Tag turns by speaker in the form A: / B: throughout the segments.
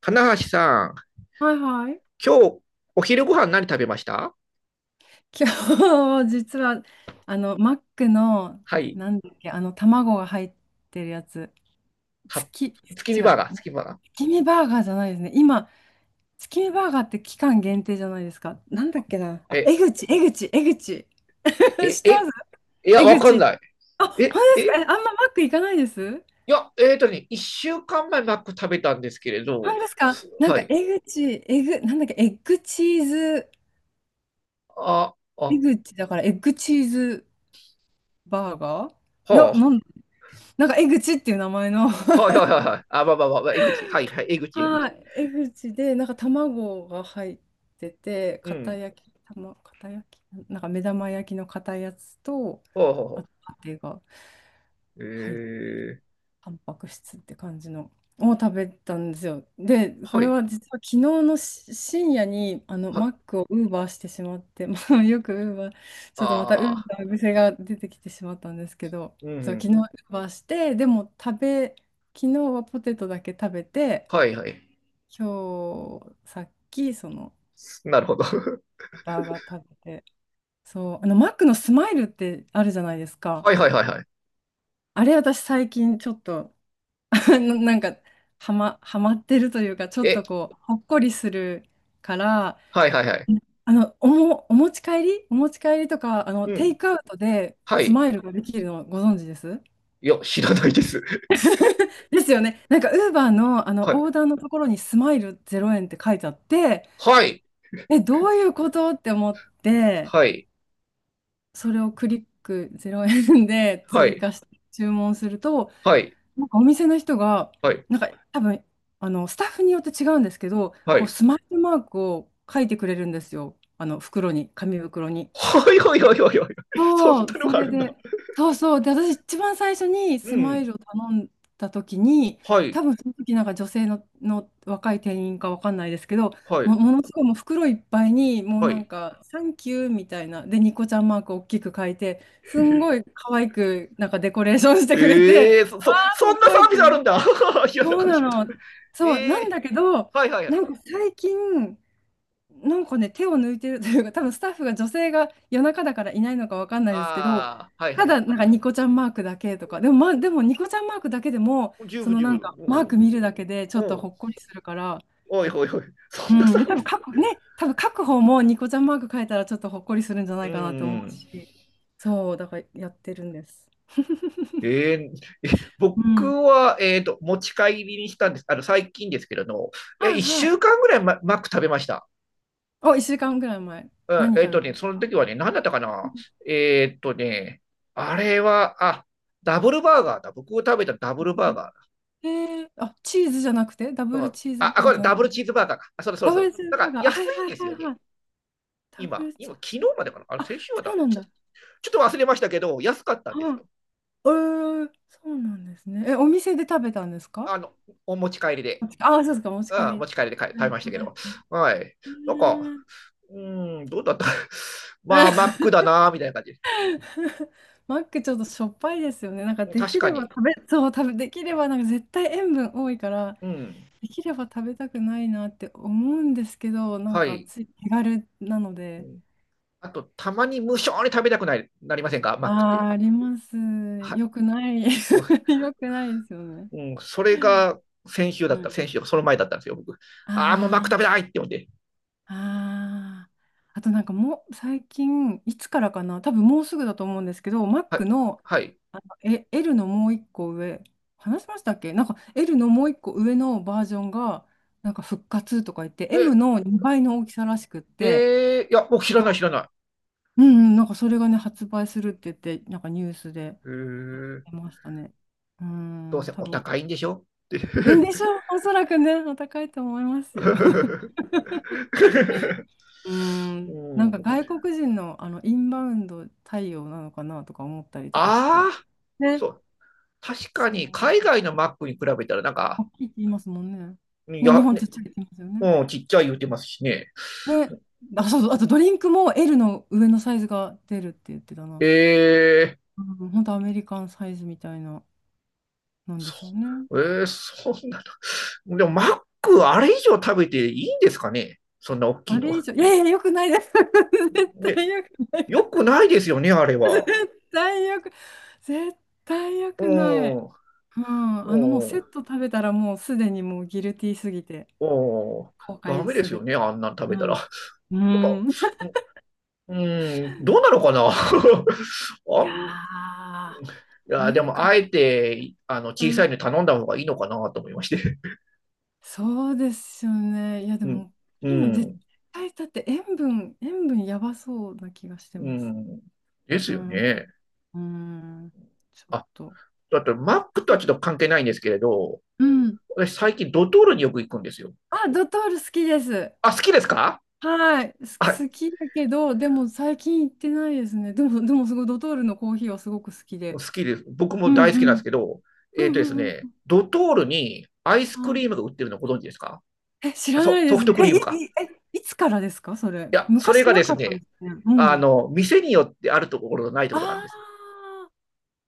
A: 金橋さん、
B: はいはい。
A: 今日お昼ご飯何食べました？
B: 今日、実は、マックの、
A: はい。
B: なんだっけ、あの、卵が入ってるやつ。
A: は、
B: 月、
A: 月
B: 違
A: 見
B: う。
A: バーガー、月見バーガー。
B: 月見バーガーじゃないですね。今、月見バーガーって期間限定じゃないですか。なんだっけな。あ、
A: え、
B: 江口、江口。
A: え、え、
B: 知ってます
A: え、いや、
B: 江
A: わかん
B: 口。
A: ない。
B: あ、本
A: え、
B: 当ですか？
A: え、
B: え、あんまマック行かないです。
A: いや、一週間前マック食べたんですけれ
B: 本
A: ど、
B: 当ですか？
A: はい。
B: 江口、エグ、なんだっけ、エッグチーズ、江
A: は
B: 口だからエッグチーズバーガー。いや、
A: あ、
B: えぐちっていう名前の。
A: はいは いはいはい。あ、はいはい、江口、江
B: は
A: 口。
B: い。えぐちで、卵が入ってて、
A: うん、
B: 片焼き、目玉焼きの片やつと、
A: ほうほう
B: あ
A: ほ
B: と、パテが
A: う。
B: 入って。タンパク質って感じのを食べたんですよ。で、こ
A: は
B: れ
A: い、
B: は実は昨日深夜に
A: は、
B: マックをウーバーしてしまって、まあ、よくウーバー、ちょっとまたウー
A: あ
B: バー癖が出てきてしまったんですけど、
A: ー、うんう
B: そう、昨日
A: ん、
B: ウーバーして、でも食べ、昨日はポテトだけ食べて、
A: はいはい。
B: 今日さっきその
A: なるほど。
B: バーガー食べて、そう、マックのスマイルってあるじゃないですか。
A: はいはいはいはい。
B: あれ私最近ちょっと、 なんかはまってるというかちょっ
A: え、
B: とこうほっこりするから、
A: はいはいはい。
B: お持ち帰りとか
A: う
B: テイ
A: ん、
B: クアウトで
A: は
B: ス
A: い。
B: マイルができるのご存知です
A: いや、知らないです。
B: ですよね。ウーバーの、
A: はい。
B: オーダーのところにスマイル0円って書いてあって、
A: はい。
B: え、どういうことって思って、
A: はい。
B: それをクリック0円で
A: は
B: 追
A: い。
B: 加して注文すると、
A: はい。
B: お店の人が、
A: はい。
B: 多分、スタッフによって違うんですけど、
A: は
B: こう、
A: い。
B: スマイルマークを書いてくれるんですよ。あの、袋に、紙袋に。
A: はい。はい。はい。はい。はい。そん
B: そう、
A: なの
B: そ
A: があ
B: れ
A: るんだ。
B: で、そうそう。で、私一番最初に
A: う
B: スマイ
A: ん。
B: ルを頼んだ時に、
A: はい。
B: 多分その時女性の、若い店員かわかんないですけど、
A: はい。
B: ものすごいもう袋いっぱいに、もう
A: は
B: なん
A: い。
B: か、サンキューみたいな、で、ニコちゃんマークを大きく書いて、すんごい 可愛くデコレーションしてくれ
A: ええ
B: て、
A: ー、
B: あ、す
A: そんな
B: ご
A: サ
B: いっ
A: ービ
B: て
A: スあ
B: 思
A: る
B: っ
A: んだ。
B: て。
A: 嫌なこ
B: そう
A: か
B: な
A: しまっ
B: の。
A: た。え
B: そう、なん
A: え
B: だけど、
A: ー、はいはいはい。
B: 最近、手を抜いてるというか、多分スタッフが女性が夜中だからいないのかわかんないですけど、
A: ああ、はい
B: た
A: はいは
B: だ、
A: い。
B: ニコちゃんマークだけとか、でも、ま、でもニコちゃんマークだけでも、
A: 十
B: そ
A: 分
B: の
A: 十
B: なん
A: 分。
B: かマー
A: お
B: ク
A: う
B: 見るだけでちょっと
A: おうん。
B: ほっこりするから、
A: おいおいおい。そ
B: う
A: んなサ
B: ん、で、
A: ービス。
B: 多分書く方もニコちゃんマーク書いたらちょっとほっこりするんじゃな
A: う
B: いかなって思う
A: ん。
B: し、そう、だからやってるんです。
A: えーえ
B: うん。
A: 僕は、持ち帰りにしたんです。最近ですけれど、え、
B: はい
A: 1
B: は
A: 週
B: い。
A: 間ぐらいマック食べました。
B: お、1週間ぐらい前、
A: うん、
B: 何食べまし
A: その
B: た？
A: 時はね、何だったかな。えっとね、あれは、あ、ダブルバーガーだ。僕が食べたダブルバーガ
B: えー、あ、チーズじゃなくて、ダ
A: ー。う
B: ブ
A: ん、
B: ルチーズバーガ
A: こ
B: ー
A: れ
B: じゃな
A: ダ
B: く
A: ブル
B: て、
A: チーズバーガーか。あ、そうだそうだ
B: ダ
A: そ
B: ブ
A: う
B: ルチー
A: だ。
B: ズ
A: な
B: バ
A: ん
B: ー
A: か
B: ガー、あ、は
A: 安
B: い
A: い
B: はい
A: んです
B: は
A: よ
B: いは
A: ね。
B: い、ダブ
A: 今、
B: ルチー
A: 今、
B: ズ、
A: 昨日までかな。あれ、
B: あ、
A: 先週は
B: そう
A: だ。
B: なんだ。
A: ちょっと忘れましたけど、安かったんです
B: はい。
A: よ。
B: えー、そうなんですね。え、お店で食べたんですか？
A: あの、お持ち帰りで。
B: あ、そうですか、お持ち帰
A: うん、
B: り。
A: 持ち帰りで買い食
B: は
A: べ
B: い
A: ましたけ
B: は
A: ど。
B: い。
A: はい。
B: え
A: なんか、
B: ー。
A: うん、どうだった？ まあ、マックだな、みたいな感じ。
B: マックちょっとしょっぱいですよね。なんかで
A: 確
B: き
A: か
B: れば
A: に。
B: 食べ、そう、食べ、できれば絶対塩分多いから、
A: うん。
B: できれば食べたくないなって思うんですけど、
A: はい。
B: つい手軽なの
A: う
B: で。
A: ん、あと、たまに無性に食べたくない、なりませんか？マッ
B: あ
A: クって。
B: あ、あります。
A: はい。
B: よくない。
A: う
B: よくないですよね。
A: ん、うん、それが先週
B: う
A: だった。
B: ん。
A: 先週、その前だったんですよ、僕。ああ、もうマック
B: あ
A: 食べたいって思って。
B: あ、ああ。あともう最近、いつからかな、多分もうすぐだと思うんですけど、
A: は
B: Mac
A: い。
B: の、
A: はい。
B: あの、L のもう一個上、話しましたっけ？L のもう一個上のバージョンが、復活とか言って、
A: え、
B: M の2倍の大きさらしくって、
A: いや、僕知ら
B: そ
A: ない、知らない。
B: うんうん、それがね、発売するって言って、ニュースで
A: え
B: やっ
A: ー、
B: てましたね。う
A: どう
B: ん、
A: せお高いんでしょって。
B: でしょう、おそらくね、お高いと思いますよ。うー
A: う
B: ん。
A: ん。
B: 外国人の、インバウンド対応なのかなとか思ったりとかして。
A: ああ、
B: ね。
A: そう。確か
B: そ
A: に
B: う。
A: 海外のマックに比べたらなんか、
B: 大きいって言いますもんね。
A: い
B: ね、日
A: や、
B: 本ちっ
A: ね、
B: ちゃいって言いますよね。
A: うん、ちっちゃい言うてますしね。
B: ね。あ、そうそう。あとドリンクも L の上のサイズが出るって言ってたな。
A: えー、
B: うん、本当アメリカンサイズみたいな、なんで
A: そ、
B: しょうね。
A: えー、そんなの。でもマックあれ以上食べていいんですかね、そんな大きい
B: あ
A: の。
B: れ以上、いやいや、よくないです。絶
A: ね、
B: 対よくない。
A: よくないですよね、あれは。
B: 絶対よく、絶対よ
A: う
B: くな
A: ん、
B: い。
A: うん、
B: うん、もう
A: う
B: セット食べたらもうすでにもうギルティーすぎて
A: ん。
B: 後
A: ダ
B: 悔
A: メで
B: す
A: す
B: べ
A: よ
B: き。
A: ね、あんなん食
B: う
A: べたら。や
B: ん。う
A: っぱ、
B: ん。
A: ううん、どうなのかな。
B: いやー、
A: い
B: な
A: や、で
B: ん
A: も、
B: か
A: あえて、
B: う
A: 小さ
B: ん。
A: いの頼んだ方がいいのかなと思いまして。
B: そうですよね。いやで
A: うん、
B: も、
A: う
B: いいの、絶
A: ん、
B: 対だって塩分やばそうな気がして
A: う
B: ます。
A: ん。です
B: う
A: よ
B: ん。
A: ね。
B: うん。ちょっ
A: あ、
B: と。
A: だってマックとはちょっ と関係ないんですけれど、
B: うん。
A: 私最近ドトールによく行くんですよ。
B: あ、ドトール好きです。
A: あ、好きですか？
B: はい。
A: はい、
B: 好きだけど、でも最近行ってないですね。でもすごいドトールのコーヒーはすごく好き
A: 好
B: で。
A: きです。僕
B: う
A: も
B: ん
A: 大好きな
B: う
A: んです
B: ん。
A: けど、
B: う
A: えっとです
B: んうんう
A: ね、ドトールにアイス
B: ん
A: ク
B: う
A: リー
B: ん。
A: ムが売ってるのご存知ですか？
B: え、知
A: あ、
B: らないで
A: ソ
B: す。
A: フトク
B: え、
A: リームか。
B: い、い、え、いつからですか、それ。
A: いや、それ
B: 昔
A: が
B: な
A: です
B: かったで
A: ね、
B: すね。うん。
A: 店によってあるところとないところがあるんですよ。
B: ああ、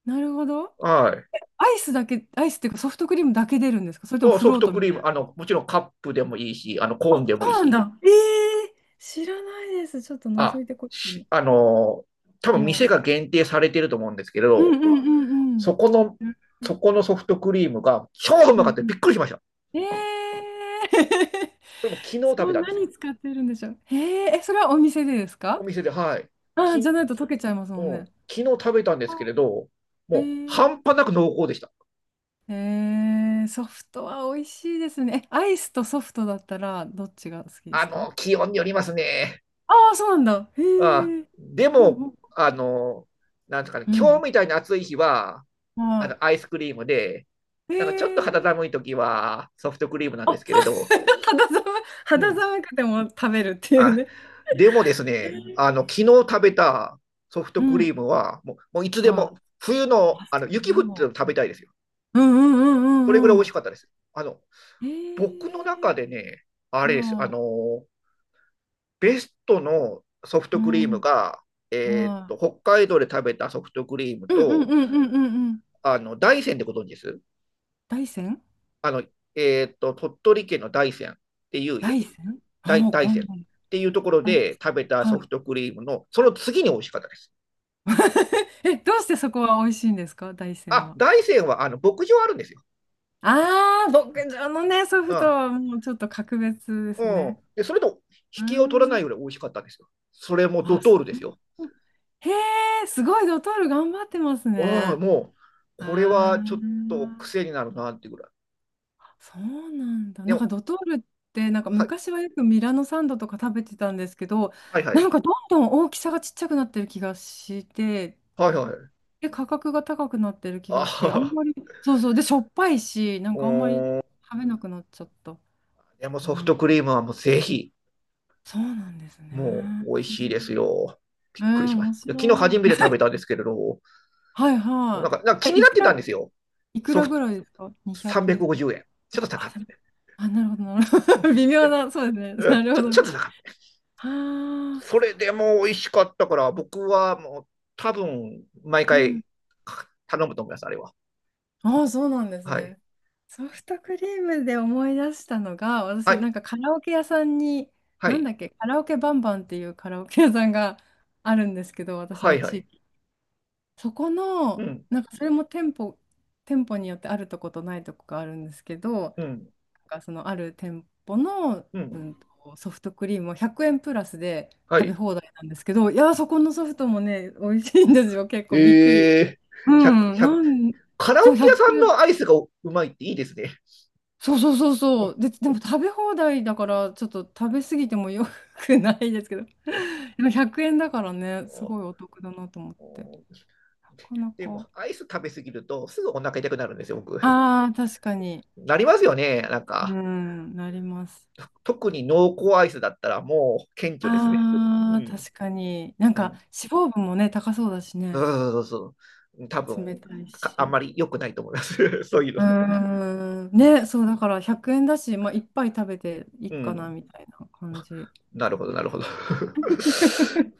B: なるほど。
A: はい。
B: アイスだけ、アイスっていうかソフトクリームだけ出るんですか？それとも
A: お
B: フ
A: ソフ
B: ロー
A: ト
B: ト
A: ク
B: み
A: リー
B: た
A: ム、
B: いな。
A: もちろんカップでもいいし、コ
B: あ、
A: ーンでもいい
B: そうなん
A: し。
B: だ。ええ、知らないです。ちょっと覗
A: あ、
B: いてこっち
A: し
B: に。
A: あの多
B: う
A: 分
B: ん。う
A: 店
B: ん
A: が限定されてると思うんですけ
B: うん
A: ど、
B: うんうん。
A: そこの、
B: うん
A: そこのソフトクリームが超う
B: う
A: まかった。
B: ん
A: びっくりしました。
B: うん。ええ。
A: それも昨日 食
B: そ
A: べ
B: う、
A: たんです
B: 何
A: よ。
B: 使ってるんでしょう。へえ、え、それはお店でです
A: お
B: か？
A: 店で、はい。
B: ああー、
A: う
B: じゃ
A: ん、
B: ないと溶けちゃいますもんね。
A: 昨日食べたんですけ
B: あ、
A: れど、も
B: へえ
A: う
B: ー。
A: 半端なく濃厚でした。
B: ええ、ソフトは美味しいですね。え、アイスとソフトだったらどっちが好きですか？
A: 気温によりますね。
B: ああー、そうなんだ。
A: あ、
B: へえ。
A: で
B: ほう
A: も、
B: ん。
A: あの、なんですかね、
B: う
A: 今日
B: ん。
A: みたいな暑い日は、
B: うん。は
A: アイスクリームで、
B: い。
A: なんかちょっと
B: へ
A: 肌
B: え。
A: 寒い時はソフトクリームなん
B: あ、
A: です けれど、
B: 肌寒い、
A: う
B: 肌
A: ん。
B: 寒くても食べるっていう
A: あ、
B: ね。
A: でもです
B: へ
A: ね、昨日
B: え。
A: 食べたソフト
B: う
A: クリ
B: ん。
A: ームは、もう、もういつで
B: は
A: も、
B: い。
A: 冬の、
B: あ、そ
A: 雪降ってる
B: う。
A: の食べたいですよ。
B: うんうんうん
A: それぐら
B: う
A: い
B: ん
A: 美
B: う
A: 味し
B: ん。
A: かったです。
B: へ
A: 僕の中
B: え。
A: でね、あれです。
B: はあ。
A: ベストのソフ
B: う
A: トクリーム
B: ん。
A: が、
B: は
A: 北海道で食べたソフトクリーム
B: い。うんうん
A: と、
B: うんうんうんうん。
A: 大山でご存知です
B: 大山？
A: あの、鳥取県の大山っていう、
B: 大山、ああー、
A: 大
B: わ
A: 山
B: ん
A: っ
B: な、
A: ていうところ
B: はい。
A: で食べたソ
B: はい。
A: フトクリームの、その次に美味しかったです。
B: え、どうしてそこは美味しいんですか、大山
A: あ、
B: は。
A: 大山はあの牧場あるんですよ。
B: ああ、牧場のね、ソ
A: う
B: フト
A: ん。
B: はもうちょっと格別で
A: う
B: す
A: ん。
B: ね。
A: で、それと
B: う
A: 引
B: ー
A: きを取らな
B: ん。
A: いぐらい美味しかったんですよ。それもド
B: あ、そ
A: トールです
B: う。
A: よ。
B: へえ、すごい、ドトール頑張ってます
A: ああ、
B: ね。
A: もう、これは
B: あ
A: ちょっと
B: あ、
A: 癖になるなっていうぐらい。
B: そうなんだ。
A: でも、
B: ドトールって、
A: はい、
B: 昔はよくミラノサンドとか食べてたんですけど、
A: はいはい。
B: どんどん大きさがちっちゃくなってる気がして、
A: はいはい。
B: で、価格が高くなってる気
A: あ
B: がして、あん
A: あ、
B: まり、そうそう、で、しょっぱいし、
A: う
B: あんまり
A: ん。
B: 食べなくなっちゃった。
A: でも
B: う
A: ソフト
B: ん、
A: クリームはもうぜひ、
B: そうなんですね。
A: もう美味
B: う
A: しいです
B: ん。
A: よ。び
B: え
A: っくり
B: ー、
A: しまし
B: 面
A: た。いや昨日
B: 白
A: 初
B: い。
A: めて食 べたんですけれど、
B: はい
A: なん
B: は
A: か、
B: い。
A: 気
B: え、
A: にな
B: い
A: っ
B: く
A: てたん
B: ら、
A: ですよ。
B: いく
A: ソ
B: ら
A: フ
B: ぐ
A: ト
B: らいですか？ 200。
A: 350円。ちょっと
B: あ、
A: 高
B: あそ
A: め。
B: れあなるほど、なるほど。微妙な、そうです
A: う
B: ね。な
A: ん、
B: るほど
A: ちょっ
B: ね。
A: と高め。
B: はあ、
A: そ
B: そ
A: れでも美味しかったから、僕はもう多分毎
B: う。うん。
A: 回頼むと思います、あれは。
B: ああ、そうなんです
A: はい。
B: ね。ソフトクリームで思い出したのが、
A: は
B: 私
A: い。
B: カラオケ屋さんに、
A: は
B: なん
A: い。
B: だっけ、カラオケバンバンっていうカラオケ屋さんが あるんですけど、私
A: は
B: の
A: い。は
B: 地
A: い。
B: 域。そこ
A: う
B: の、
A: ん。
B: なんかそれも店舗、店舗によってあるとことないとこがあるんですけど、
A: うん。
B: そのある店舗の、
A: う
B: う
A: ん。
B: んと、ソフトクリームを100円プラスで
A: は
B: 食べ
A: い。
B: 放題なんですけど、いやー、そこのソフトもね、美味しいんですよ。結
A: え
B: 構びっくり。
A: えー、
B: う
A: 100、
B: ん、
A: 100。
B: なん、
A: カラ
B: そう、
A: オケ屋
B: 100
A: さんの
B: 円。
A: アイスがうまいっていいですね。
B: そうそうそうそう。で、でも食べ放題だから、ちょっと食べ過ぎてもよくないですけど。でも100円だからね、すごいお得だなと思って。なかな
A: でも、
B: か。
A: アイス食べ過ぎると、すぐお腹痛くなるんですよ、僕。
B: ああ、確かに。
A: なりますよね、なん
B: う
A: か。
B: ん、なります。
A: 特に濃厚アイスだったら、もう顕著ですね。う
B: ああ、
A: ん。
B: 確かに。
A: うん。
B: 脂肪分もね、高そうだし
A: そう
B: ね。
A: そうそうそう。多
B: 冷
A: 分、
B: たい
A: あん
B: し。
A: まり良くないと思います。そういう
B: う
A: の。
B: ーん。ね、そう、だから100円だし、まあ、いっぱい食べていい
A: う
B: かな、
A: ん。
B: みたいな感じ。
A: なるほど、なるほど。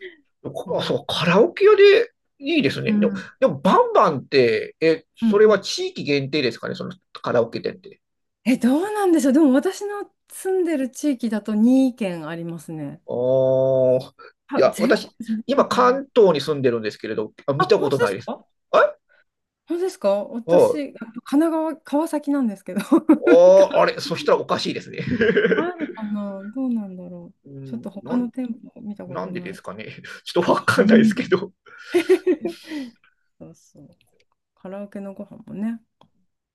B: うん。う
A: そ
B: ん。
A: う、カラオケ屋でいいですね。
B: う
A: でも、
B: ん。
A: バンバンって、え、
B: う
A: それは
B: ん。
A: 地域限定ですかね、そのカラオケ店って。
B: え、どうなんでしょう。でも私の住んでる地域だと2県ありますね。
A: ああ、い
B: あ、
A: や、
B: 全国
A: 私、
B: じゃない
A: 今
B: のかな。
A: 関東に住んでるんですけれど、あ、見
B: あ、
A: たこ
B: 本
A: と
B: 当で
A: ない
B: す
A: です。
B: か？
A: はい。
B: 本当ですか？
A: あ
B: 私、あ、神奈川、川崎なんですけど。
A: ああれ、そしたらおかしいですね。
B: あるかな、どうなんだろう。
A: う
B: ちょっ
A: ん、
B: と他の店舗見たこ
A: な
B: と
A: んでで
B: ない。
A: すかね。ちょっとわか
B: う
A: んないです
B: ん。
A: けど。
B: そうそう。カラオケのご飯もね、